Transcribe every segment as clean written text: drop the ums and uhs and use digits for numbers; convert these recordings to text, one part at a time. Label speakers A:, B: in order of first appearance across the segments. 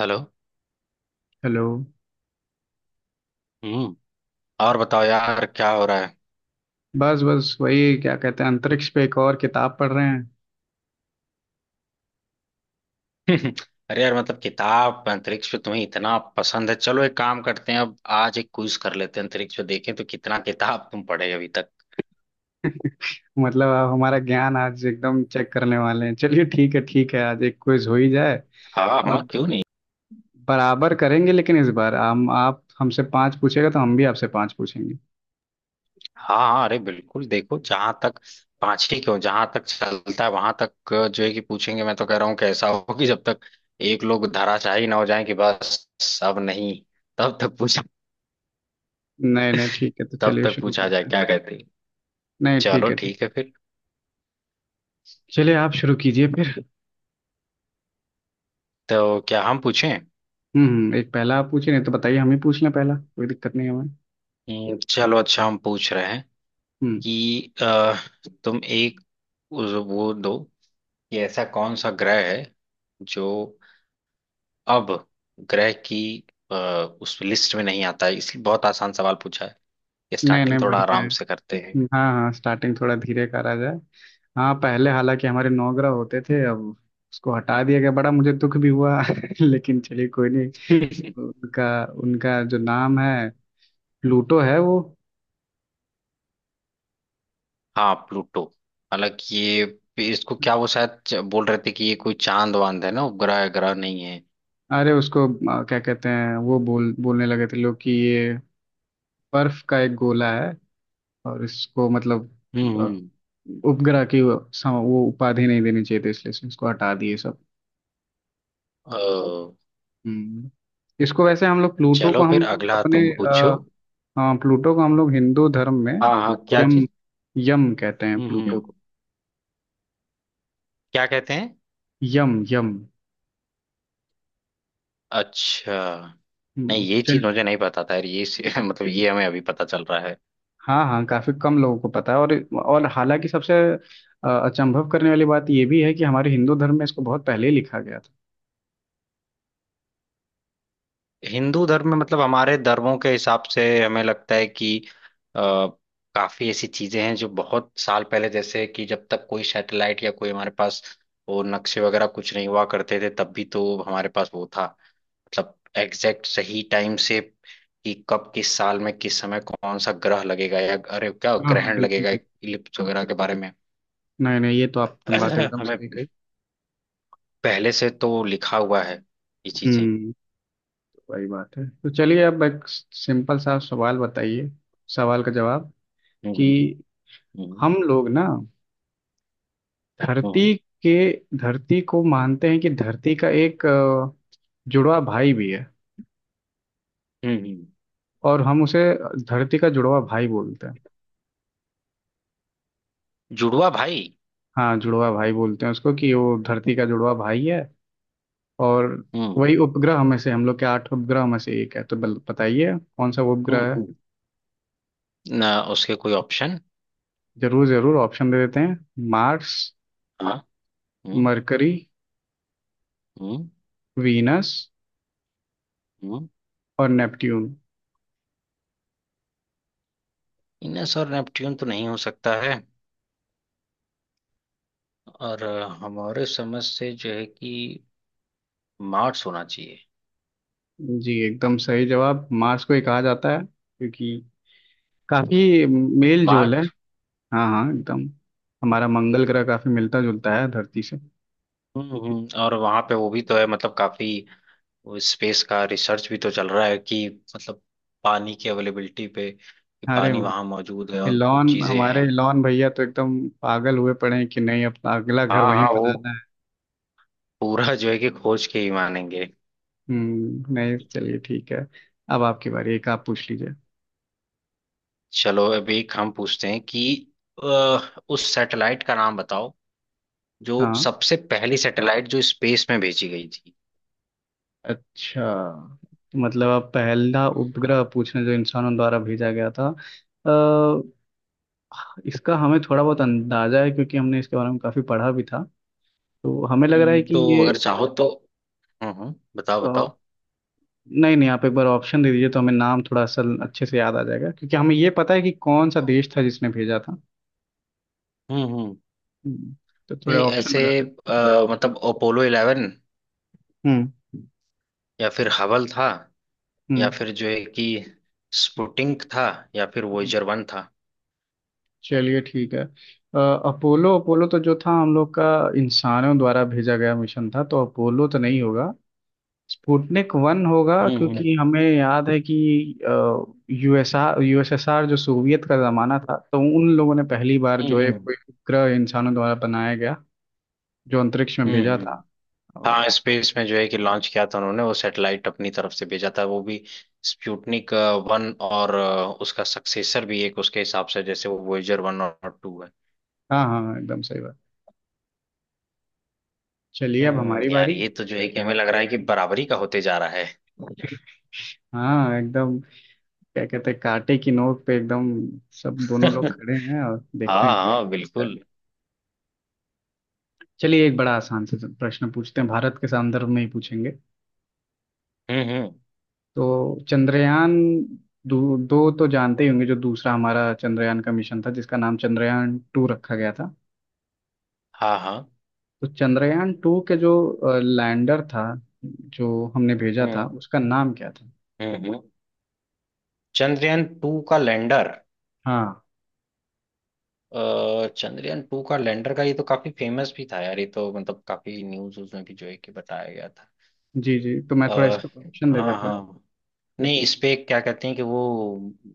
A: Hello.
B: Hello.
A: हम्म। और बताओ यार, क्या हो रहा है?
B: बस बस वही क्या कहते हैं अंतरिक्ष पे एक और किताब पढ़ रहे हैं।
A: अरे यार, मतलब किताब अंतरिक्ष पे तुम्हें इतना पसंद है। चलो एक काम करते हैं, अब आज एक क्विज कर लेते हैं अंतरिक्ष पे, देखें तो कितना किताब तुम पढ़े अभी तक।
B: मतलब आप हमारा ज्ञान आज एकदम चेक करने वाले हैं। चलिए ठीक है। आज एक क्विज हो ही जाए
A: हाँ, हाँ,
B: और
A: क्यों नहीं।
B: बराबर करेंगे, लेकिन इस बार हम आप हमसे पांच पूछेगा तो हम भी आपसे पांच पूछेंगे।
A: हाँ, हाँ, अरे बिल्कुल। देखो, जहां तक पांच ही क्यों, जहां तक चलता है वहां तक जो है कि पूछेंगे। मैं तो कह रहा हूँ कि ऐसा हो कि जब तक एक लोग धराशायी ना हो जाए कि बस अब नहीं, तब तक पूछा,
B: नहीं नहीं ठीक है तो
A: तब
B: चलिए
A: तक
B: शुरू
A: पूछा जाए,
B: करते हैं।
A: क्या कहते हैं।
B: नहीं
A: चलो
B: ठीक है, ठीक
A: ठीक है फिर।
B: है। चलिए आप शुरू कीजिए फिर।
A: तो क्या हम पूछें?
B: हम्म, एक पहला आप पूछिए, नहीं तो बताइए हम ही पूछ लें, पहला कोई दिक्कत नहीं है हमें।
A: चलो, अच्छा हम पूछ रहे हैं
B: हम्म।
A: कि तुम एक वो दो कि ऐसा कौन सा ग्रह है जो अब ग्रह की अ, उस लिस्ट में नहीं आता है, इसलिए बहुत आसान सवाल पूछा है। ये
B: नहीं नहीं
A: स्टार्टिंग थोड़ा
B: बढ़िया है।
A: आराम से करते हैं।
B: हाँ हाँ, स्टार्टिंग थोड़ा धीरे करा जाए। हाँ, पहले हालांकि हमारे 9 ग्रह होते थे, अब उसको हटा दिया गया। बड़ा मुझे दुख भी हुआ लेकिन चलिए कोई नहीं। उनका उनका जो नाम है, प्लूटो है वो।
A: हाँ, प्लूटो। हालांकि ये, इसको क्या, वो शायद बोल रहे थे कि ये कोई चांद वांद है ना, उपग्रह है, ग्रह नहीं है।
B: अरे उसको क्या कहते हैं वो बोलने लगे थे लोग कि ये बर्फ का एक गोला है और इसको मतलब
A: हम्म,
B: अ,
A: हम्म।
B: उपग्रह की वो वो उपाधि नहीं देनी चाहिए थी, इसलिए इसको हटा दिए सब।
A: अ,
B: हम्म। इसको वैसे हम लोग प्लूटो
A: चलो
B: को हम
A: फिर
B: लोग
A: अगला
B: अपने
A: तुम पूछो।
B: हाँ प्लूटो को हम लोग हिंदू धर्म में
A: हाँ, हाँ, क्या
B: यम
A: चीज?
B: यम कहते हैं
A: हम्म,
B: प्लूटो को।
A: क्या कहते हैं?
B: यम यम
A: अच्छा। नहीं, ये चीज
B: चल।
A: मुझे नहीं पता था यार, ये मतलब ये हमें अभी पता चल रहा है।
B: हाँ हाँ, काफी कम लोगों को पता है। और हालांकि सबसे अचंभव करने वाली बात ये भी है कि हमारे हिंदू धर्म में इसको बहुत पहले ही लिखा गया था।
A: हिंदू धर्म में, मतलब हमारे धर्मों के हिसाब से हमें लगता है कि अ, काफी ऐसी चीजें हैं जो बहुत साल पहले, जैसे कि जब तक कोई सैटेलाइट या कोई हमारे पास वो नक्शे वगैरह कुछ नहीं हुआ करते थे, तब भी तो हमारे पास वो था। मतलब एग्जैक्ट सही टाइम से कि कब, किस साल में, किस समय कौन सा ग्रह लगेगा या अरे, क्या
B: हाँ हाँ,
A: ग्रहण
B: बिल्कुल
A: लगेगा,
B: बिल्कुल
A: इलिप्स वगैरह के बारे में।
B: नहीं नहीं ये तो आपने बात एकदम
A: हमें
B: सही कही।
A: पहले से तो लिखा हुआ है ये चीजें।
B: हम्म। तो वही बात है, तो चलिए अब एक सिंपल सा सवाल बताइए, सवाल का जवाब कि
A: हम्म, हम्म,
B: हम लोग ना,
A: हम्म,
B: धरती के धरती को मानते हैं कि धरती का एक जुड़वा भाई भी है,
A: हम्म,
B: और हम उसे धरती का जुड़वा भाई बोलते हैं।
A: जुड़वा भाई।
B: हाँ, जुड़वा भाई बोलते हैं उसको, कि वो धरती का जुड़वा भाई है। और
A: हम्म,
B: वही उपग्रह में से हम लोग के 8 उपग्रह में से एक है। तो बताइए कौन सा
A: हम्म,
B: उपग्रह है।
A: हम्म, ना उसके कोई ऑप्शन?
B: जरूर जरूर, ऑप्शन दे देते हैं। मार्स,
A: हाँ। हम्म,
B: मरकरी,
A: हम्म,
B: वीनस
A: हम्म।
B: और नेपट्यून।
A: इनस और नेपट्यून तो नहीं हो सकता है। और हमारे समझ से जो है कि मार्स होना चाहिए।
B: जी, एकदम सही जवाब। मार्स को ही कहा जाता है क्योंकि काफी मेल जोल है।
A: मार्स।
B: हाँ हाँ एकदम, हमारा मंगल ग्रह काफी मिलता जुलता है धरती से।
A: हम्म, और वहां पे वो भी तो है, मतलब काफी स्पेस का रिसर्च भी तो चल रहा है कि, मतलब, पानी की अवेलेबिलिटी पे कि
B: अरे
A: पानी वहां मौजूद है और कुछ
B: इलॉन,
A: चीजें हैं।
B: हमारे इलॉन भैया तो एकदम पागल हुए पड़े हैं कि नहीं, अपना अगला घर
A: हाँ,
B: वहीं
A: हाँ, वो
B: बनाना है।
A: पूरा जो है कि खोज के ही मानेंगे।
B: हम्म, नहीं चलिए ठीक है, अब आपकी बारी, एक आप पूछ लीजिए।
A: चलो अभी एक हम पूछते हैं कि अ, उस सैटेलाइट का नाम बताओ जो
B: हाँ
A: सबसे पहली सैटेलाइट जो स्पेस में भेजी गई थी।
B: अच्छा, मतलब अब पहला उपग्रह पूछना जो इंसानों द्वारा भेजा गया था। अ, इसका हमें थोड़ा बहुत अंदाजा है क्योंकि हमने इसके बारे में काफी पढ़ा भी था, तो हमें लग रहा है कि
A: तो अगर चाहो तो। हम्म, बताओ,
B: अ,
A: बताओ।
B: नहीं नहीं, आप एक बार ऑप्शन दे दीजिए तो हमें नाम थोड़ा सा अच्छे से याद आ जाएगा, क्योंकि हमें ये पता है कि कौन सा देश था जिसने भेजा था।
A: हम्म, हम्म,
B: हम्म, तो थोड़े
A: नहीं
B: ऑप्शन
A: ऐसे,
B: हो जाते।
A: मतलब अपोलो इलेवन
B: हम्म
A: या फिर हबल था या
B: हम्म।
A: फिर जो है कि स्पुटिंग था या फिर वोयेजर वन था।
B: चलिए ठीक है, अपोलो, अपोलो तो जो था हम लोग का इंसानों द्वारा भेजा गया मिशन था, तो अपोलो तो नहीं होगा। स्पुतनिक वन होगा,
A: हम्म, हम्म,
B: क्योंकि हमें याद है कि यूएसआर यूएसएसआर जो सोवियत का जमाना था, तो उन लोगों ने पहली बार
A: हम्म,
B: जो है
A: हम्म,
B: कोई उपग्रह इंसानों द्वारा बनाया गया जो अंतरिक्ष में
A: हम्म,
B: भेजा
A: हम्म।
B: था। और-
A: हाँ, स्पेस में जो है कि लॉन्च किया था उन्होंने वो सैटेलाइट अपनी तरफ से भेजा था, वो भी स्पुतनिक वन और उसका सक्सेसर भी एक उसके हिसाब से जैसे वो वोयेजर वन और टू है।
B: हाँ हाँ, एकदम सही बात। चलिए अब हमारी
A: हम्म, यार
B: बारी।
A: ये तो जो है कि हमें लग रहा है कि बराबरी का होते जा रहा है।
B: हाँ एकदम, क्या कहते हैं, कांटे की नोक पे एकदम सब दोनों लोग खड़े हैं और देखते हैं
A: हाँ, हाँ,
B: क्या होता है।
A: बिल्कुल।
B: चलिए एक बड़ा आसान से प्रश्न पूछते हैं, भारत के संदर्भ में ही पूछेंगे।
A: हम्म, हम्म।
B: तो चंद्रयान दो, दो तो जानते ही होंगे जो दूसरा हमारा चंद्रयान का मिशन था जिसका नाम चंद्रयान टू रखा गया था।
A: हाँ, हाँ।
B: तो चंद्रयान टू के जो लैंडर था, जो हमने भेजा था,
A: हम्म,
B: उसका नाम क्या था।
A: हम्म, चंद्रयान टू का लैंडर?
B: हाँ,
A: चंद्रयान टू का लैंडर का ये तो काफी फेमस भी था यार, ये तो मतलब काफी न्यूज उसमें भी जो है कि बताया गया था।
B: जी जी, तो मैं
A: अ,
B: थोड़ा इस पर ऑप्शन दे
A: हाँ,
B: देता हूँ।
A: हाँ। नहीं, इस पे क्या कहते हैं कि वो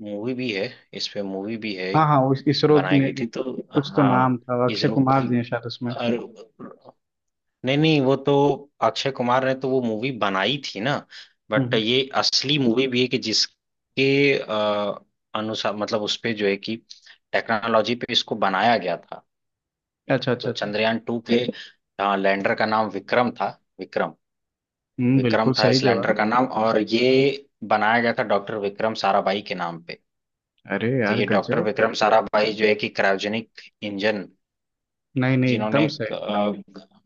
A: मूवी भी है। इस पे मूवी भी है,
B: हाँ हाँ, उस इसरो
A: बनाई
B: ने
A: गई थी तो।
B: कुछ तो
A: हाँ,
B: नाम था, अक्षय
A: इसरो
B: कुमार
A: की।
B: जी हैं शायद उसमें।
A: और नहीं, नहीं, वो तो अक्षय कुमार ने तो वो मूवी बनाई थी ना, बट
B: हम्म।
A: ये असली मूवी भी है कि जिसके अ, अनुसार मतलब उस पे जो है कि टेक्नोलॉजी पे इसको बनाया गया था।
B: अच्छा
A: तो
B: अच्छा अच्छा
A: चंद्रयान टू के लैंडर का नाम विक्रम था। विक्रम।
B: हम्म,
A: विक्रम
B: बिल्कुल
A: था
B: सही
A: इस लैंडर
B: जवाब।
A: का नाम, और ये बनाया गया था डॉक्टर विक्रम साराभाई के नाम पे।
B: अरे
A: तो
B: यार
A: ये डॉक्टर
B: गजब।
A: विक्रम साराभाई जो है कि क्रायोजेनिक इंजन,
B: नहीं नहीं
A: जिन्होंने
B: एकदम
A: अ,
B: सही।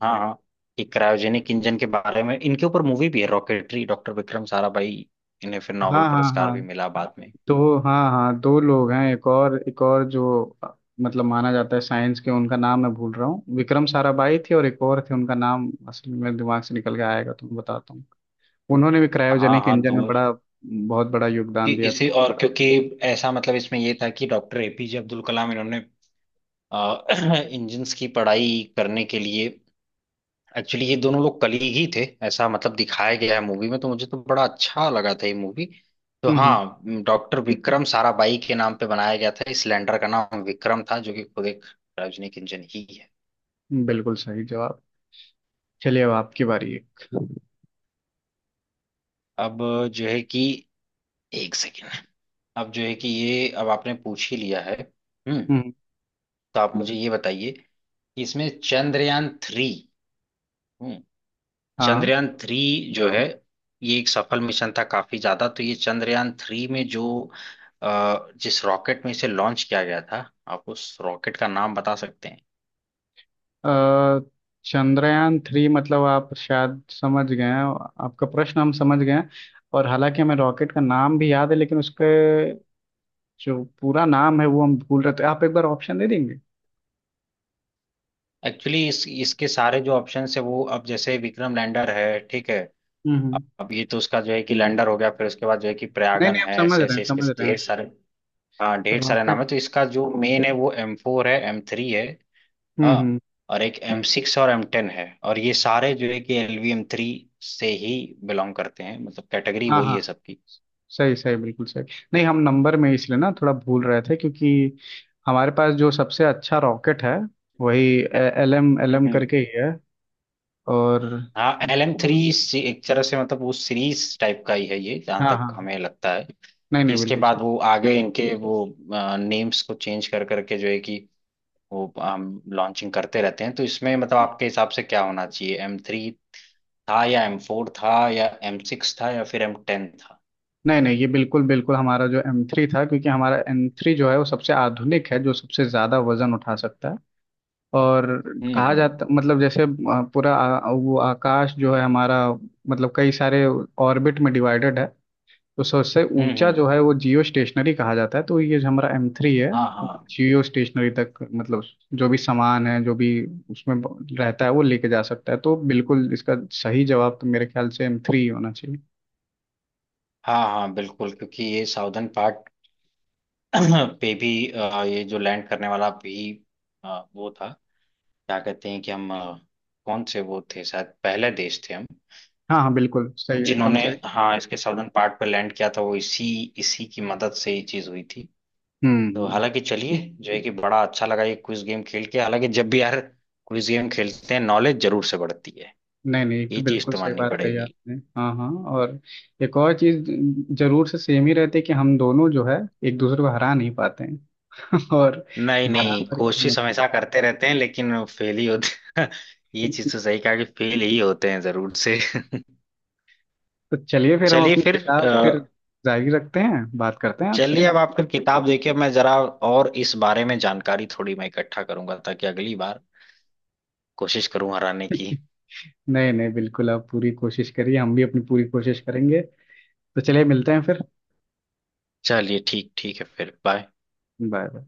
A: हाँ, हाँ, कि क्रायोजेनिक इंजन के बारे में इनके ऊपर मूवी भी है, रॉकेटरी, डॉक्टर विक्रम साराभाई। इन्हें फिर नोबेल
B: हाँ हाँ
A: पुरस्कार
B: हाँ,
A: भी मिला बाद में।
B: तो हाँ हाँ, दो लोग हैं, एक और, एक और जो मतलब माना जाता है साइंस के, उनका नाम मैं भूल रहा हूँ, विक्रम साराभाई थे, और एक और थे, उनका नाम असल में दिमाग से निकल के आएगा तो मैं बताता हूँ। उन्होंने भी
A: हाँ,
B: क्रायोजेनिक
A: हाँ,
B: इंजन में
A: दो
B: बड़ा बहुत बड़ा
A: कि
B: योगदान दिया था।
A: इसी और क्योंकि ऐसा मतलब इसमें ये था कि डॉक्टर एपीजे अब्दुल कलाम इन्होंने इंजन्स की पढ़ाई करने के लिए, एक्चुअली ये दोनों लोग कली ही थे, ऐसा मतलब दिखाया गया है मूवी में, तो मुझे तो बड़ा अच्छा लगा था ये मूवी। तो
B: हम्म
A: हाँ, डॉक्टर विक्रम साराभाई के नाम पे बनाया गया था, इस लैंडर का नाम विक्रम था जो कि खुद एक सार्वजनिक इंजन ही है।
B: बिल्कुल सही जवाब। चलिए अब आपकी बारी है।
A: अब जो है कि एक सेकेंड। अब जो है कि ये, अब आपने पूछ ही लिया है, हम्म,
B: हम्म,
A: तो आप मुझे ये बताइए कि इसमें चंद्रयान थ्री।
B: हाँ
A: चंद्रयान थ्री जो है ये एक सफल मिशन था काफी ज्यादा। तो ये चंद्रयान थ्री में जो जिस रॉकेट में इसे लॉन्च किया गया था, आप उस रॉकेट का नाम बता सकते हैं?
B: अ, चंद्रयान थ्री मतलब, आप शायद समझ गए हैं, आपका प्रश्न हम समझ गए हैं। और हालांकि हमें रॉकेट का नाम भी याद है, लेकिन उसके जो पूरा नाम है वो हम भूल रहे थे, आप एक बार ऑप्शन दे देंगे।
A: एक्चुअली इस इसके सारे जो ऑप्शन है वो, अब जैसे विक्रम लैंडर है, ठीक है।
B: हम्म हम्म।
A: अब ये तो उसका जो है कि लैंडर हो गया, फिर उसके बाद जो है कि
B: नहीं
A: प्रयागन
B: नहीं हम
A: है,
B: समझ
A: ऐसे
B: रहे
A: ऐसे
B: हैं,
A: इसके
B: समझ रहे
A: ढेर
B: हैं।
A: सारे। हाँ, ढेर सारे नाम
B: रॉकेट।
A: है। तो इसका जो मेन है वो एम फोर है, एम थ्री है। हाँ,
B: हम्म।
A: और एक एम सिक्स और एम टेन है, और ये सारे जो है कि एल वी एम थ्री से ही बिलोंग करते हैं, मतलब कैटेगरी
B: हाँ
A: वही है
B: हाँ,
A: सबकी।
B: सही सही, बिल्कुल सही। नहीं, हम नंबर में इसलिए ना थोड़ा भूल रहे थे क्योंकि हमारे पास जो सबसे अच्छा रॉकेट है, वही एल एम, एल एम
A: हम्म।
B: करके ही है। और
A: हाँ, एल एम थ्री एक तरह से मतलब वो सीरीज टाइप का ही है ये, जहाँ
B: हाँ
A: तक
B: हाँ,
A: हमें लगता है
B: नहीं
A: कि
B: नहीं
A: इसके
B: बिल्कुल
A: बाद
B: सही।
A: वो आगे इनके वो नेम्स को चेंज कर करके जो है कि वो हम लॉन्चिंग करते रहते हैं। तो इसमें मतलब आपके हिसाब से क्या होना चाहिए, एम थ्री था या एम फोर था या एम सिक्स था या फिर एम टेन था?
B: नहीं नहीं ये बिल्कुल बिल्कुल हमारा जो एम थ्री था, क्योंकि हमारा एम थ्री जो है वो सबसे आधुनिक है, जो सबसे ज़्यादा वजन उठा सकता है। और
A: हम्म,
B: कहा
A: हम्म,
B: जाता मतलब, जैसे पूरा वो आकाश जो है हमारा, मतलब कई सारे ऑर्बिट में डिवाइडेड है, तो सबसे
A: हम्म,
B: ऊंचा
A: हम्म,
B: जो है वो जियो स्टेशनरी कहा जाता है। तो ये जो हमारा एम थ्री है
A: हाँ,
B: वो
A: हाँ,
B: जियो स्टेशनरी तक, मतलब जो भी सामान है, जो भी उसमें रहता है वो लेके जा सकता है। तो बिल्कुल इसका सही जवाब तो मेरे ख्याल से एम थ्री होना चाहिए।
A: हाँ, हाँ, बिल्कुल, क्योंकि ये साउदर्न पार्ट पे भी ये जो लैंड करने वाला भी वो था, क्या कहते हैं कि हम कौन से वो थे, शायद पहले देश थे हम
B: हाँ हाँ बिल्कुल सही, एकदम
A: जिन्होंने,
B: सही।
A: हाँ, इसके साउदर्न पार्ट पे लैंड किया था, वो इसी इसी की मदद से ये चीज हुई थी।
B: हम्म
A: तो
B: हम्म।
A: हालांकि चलिए, जो है कि बड़ा अच्छा लगा ये क्विज गेम खेल के। हालांकि जब भी यार क्विज गेम खेलते हैं, नॉलेज जरूर से बढ़ती है।
B: नहीं नहीं एक
A: ये
B: तो
A: चीज
B: बिल्कुल
A: तो
B: सही
A: माननी
B: बात कही
A: पड़ेगी।
B: आपने। हाँ हाँ, और एक और चीज जरूर से सेम ही रहती है कि हम दोनों जो है एक दूसरे को हरा नहीं पाते हैं और
A: नहीं, नहीं,
B: बराबर कहीं ना
A: कोशिश हमेशा करते रहते हैं लेकिन फेल ही होते। ये चीज
B: कहीं।
A: तो सही कहा कि फेल ही होते हैं जरूर से।
B: तो चलिए फिर हम
A: चलिए
B: अपनी
A: फिर अ,
B: किताब फिर जारी रखते हैं, बात करते हैं आपसे।
A: चलिए अब आप फिर किताब देखिए, मैं जरा और इस बारे में जानकारी थोड़ी मैं इकट्ठा करूंगा ताकि अगली बार कोशिश करूं हराने की।
B: नहीं नहीं बिल्कुल आप पूरी कोशिश करिए, हम भी अपनी पूरी कोशिश करेंगे। तो चलिए मिलते हैं फिर।
A: चलिए, ठीक ठीक है फिर। बाय।
B: Bye bye.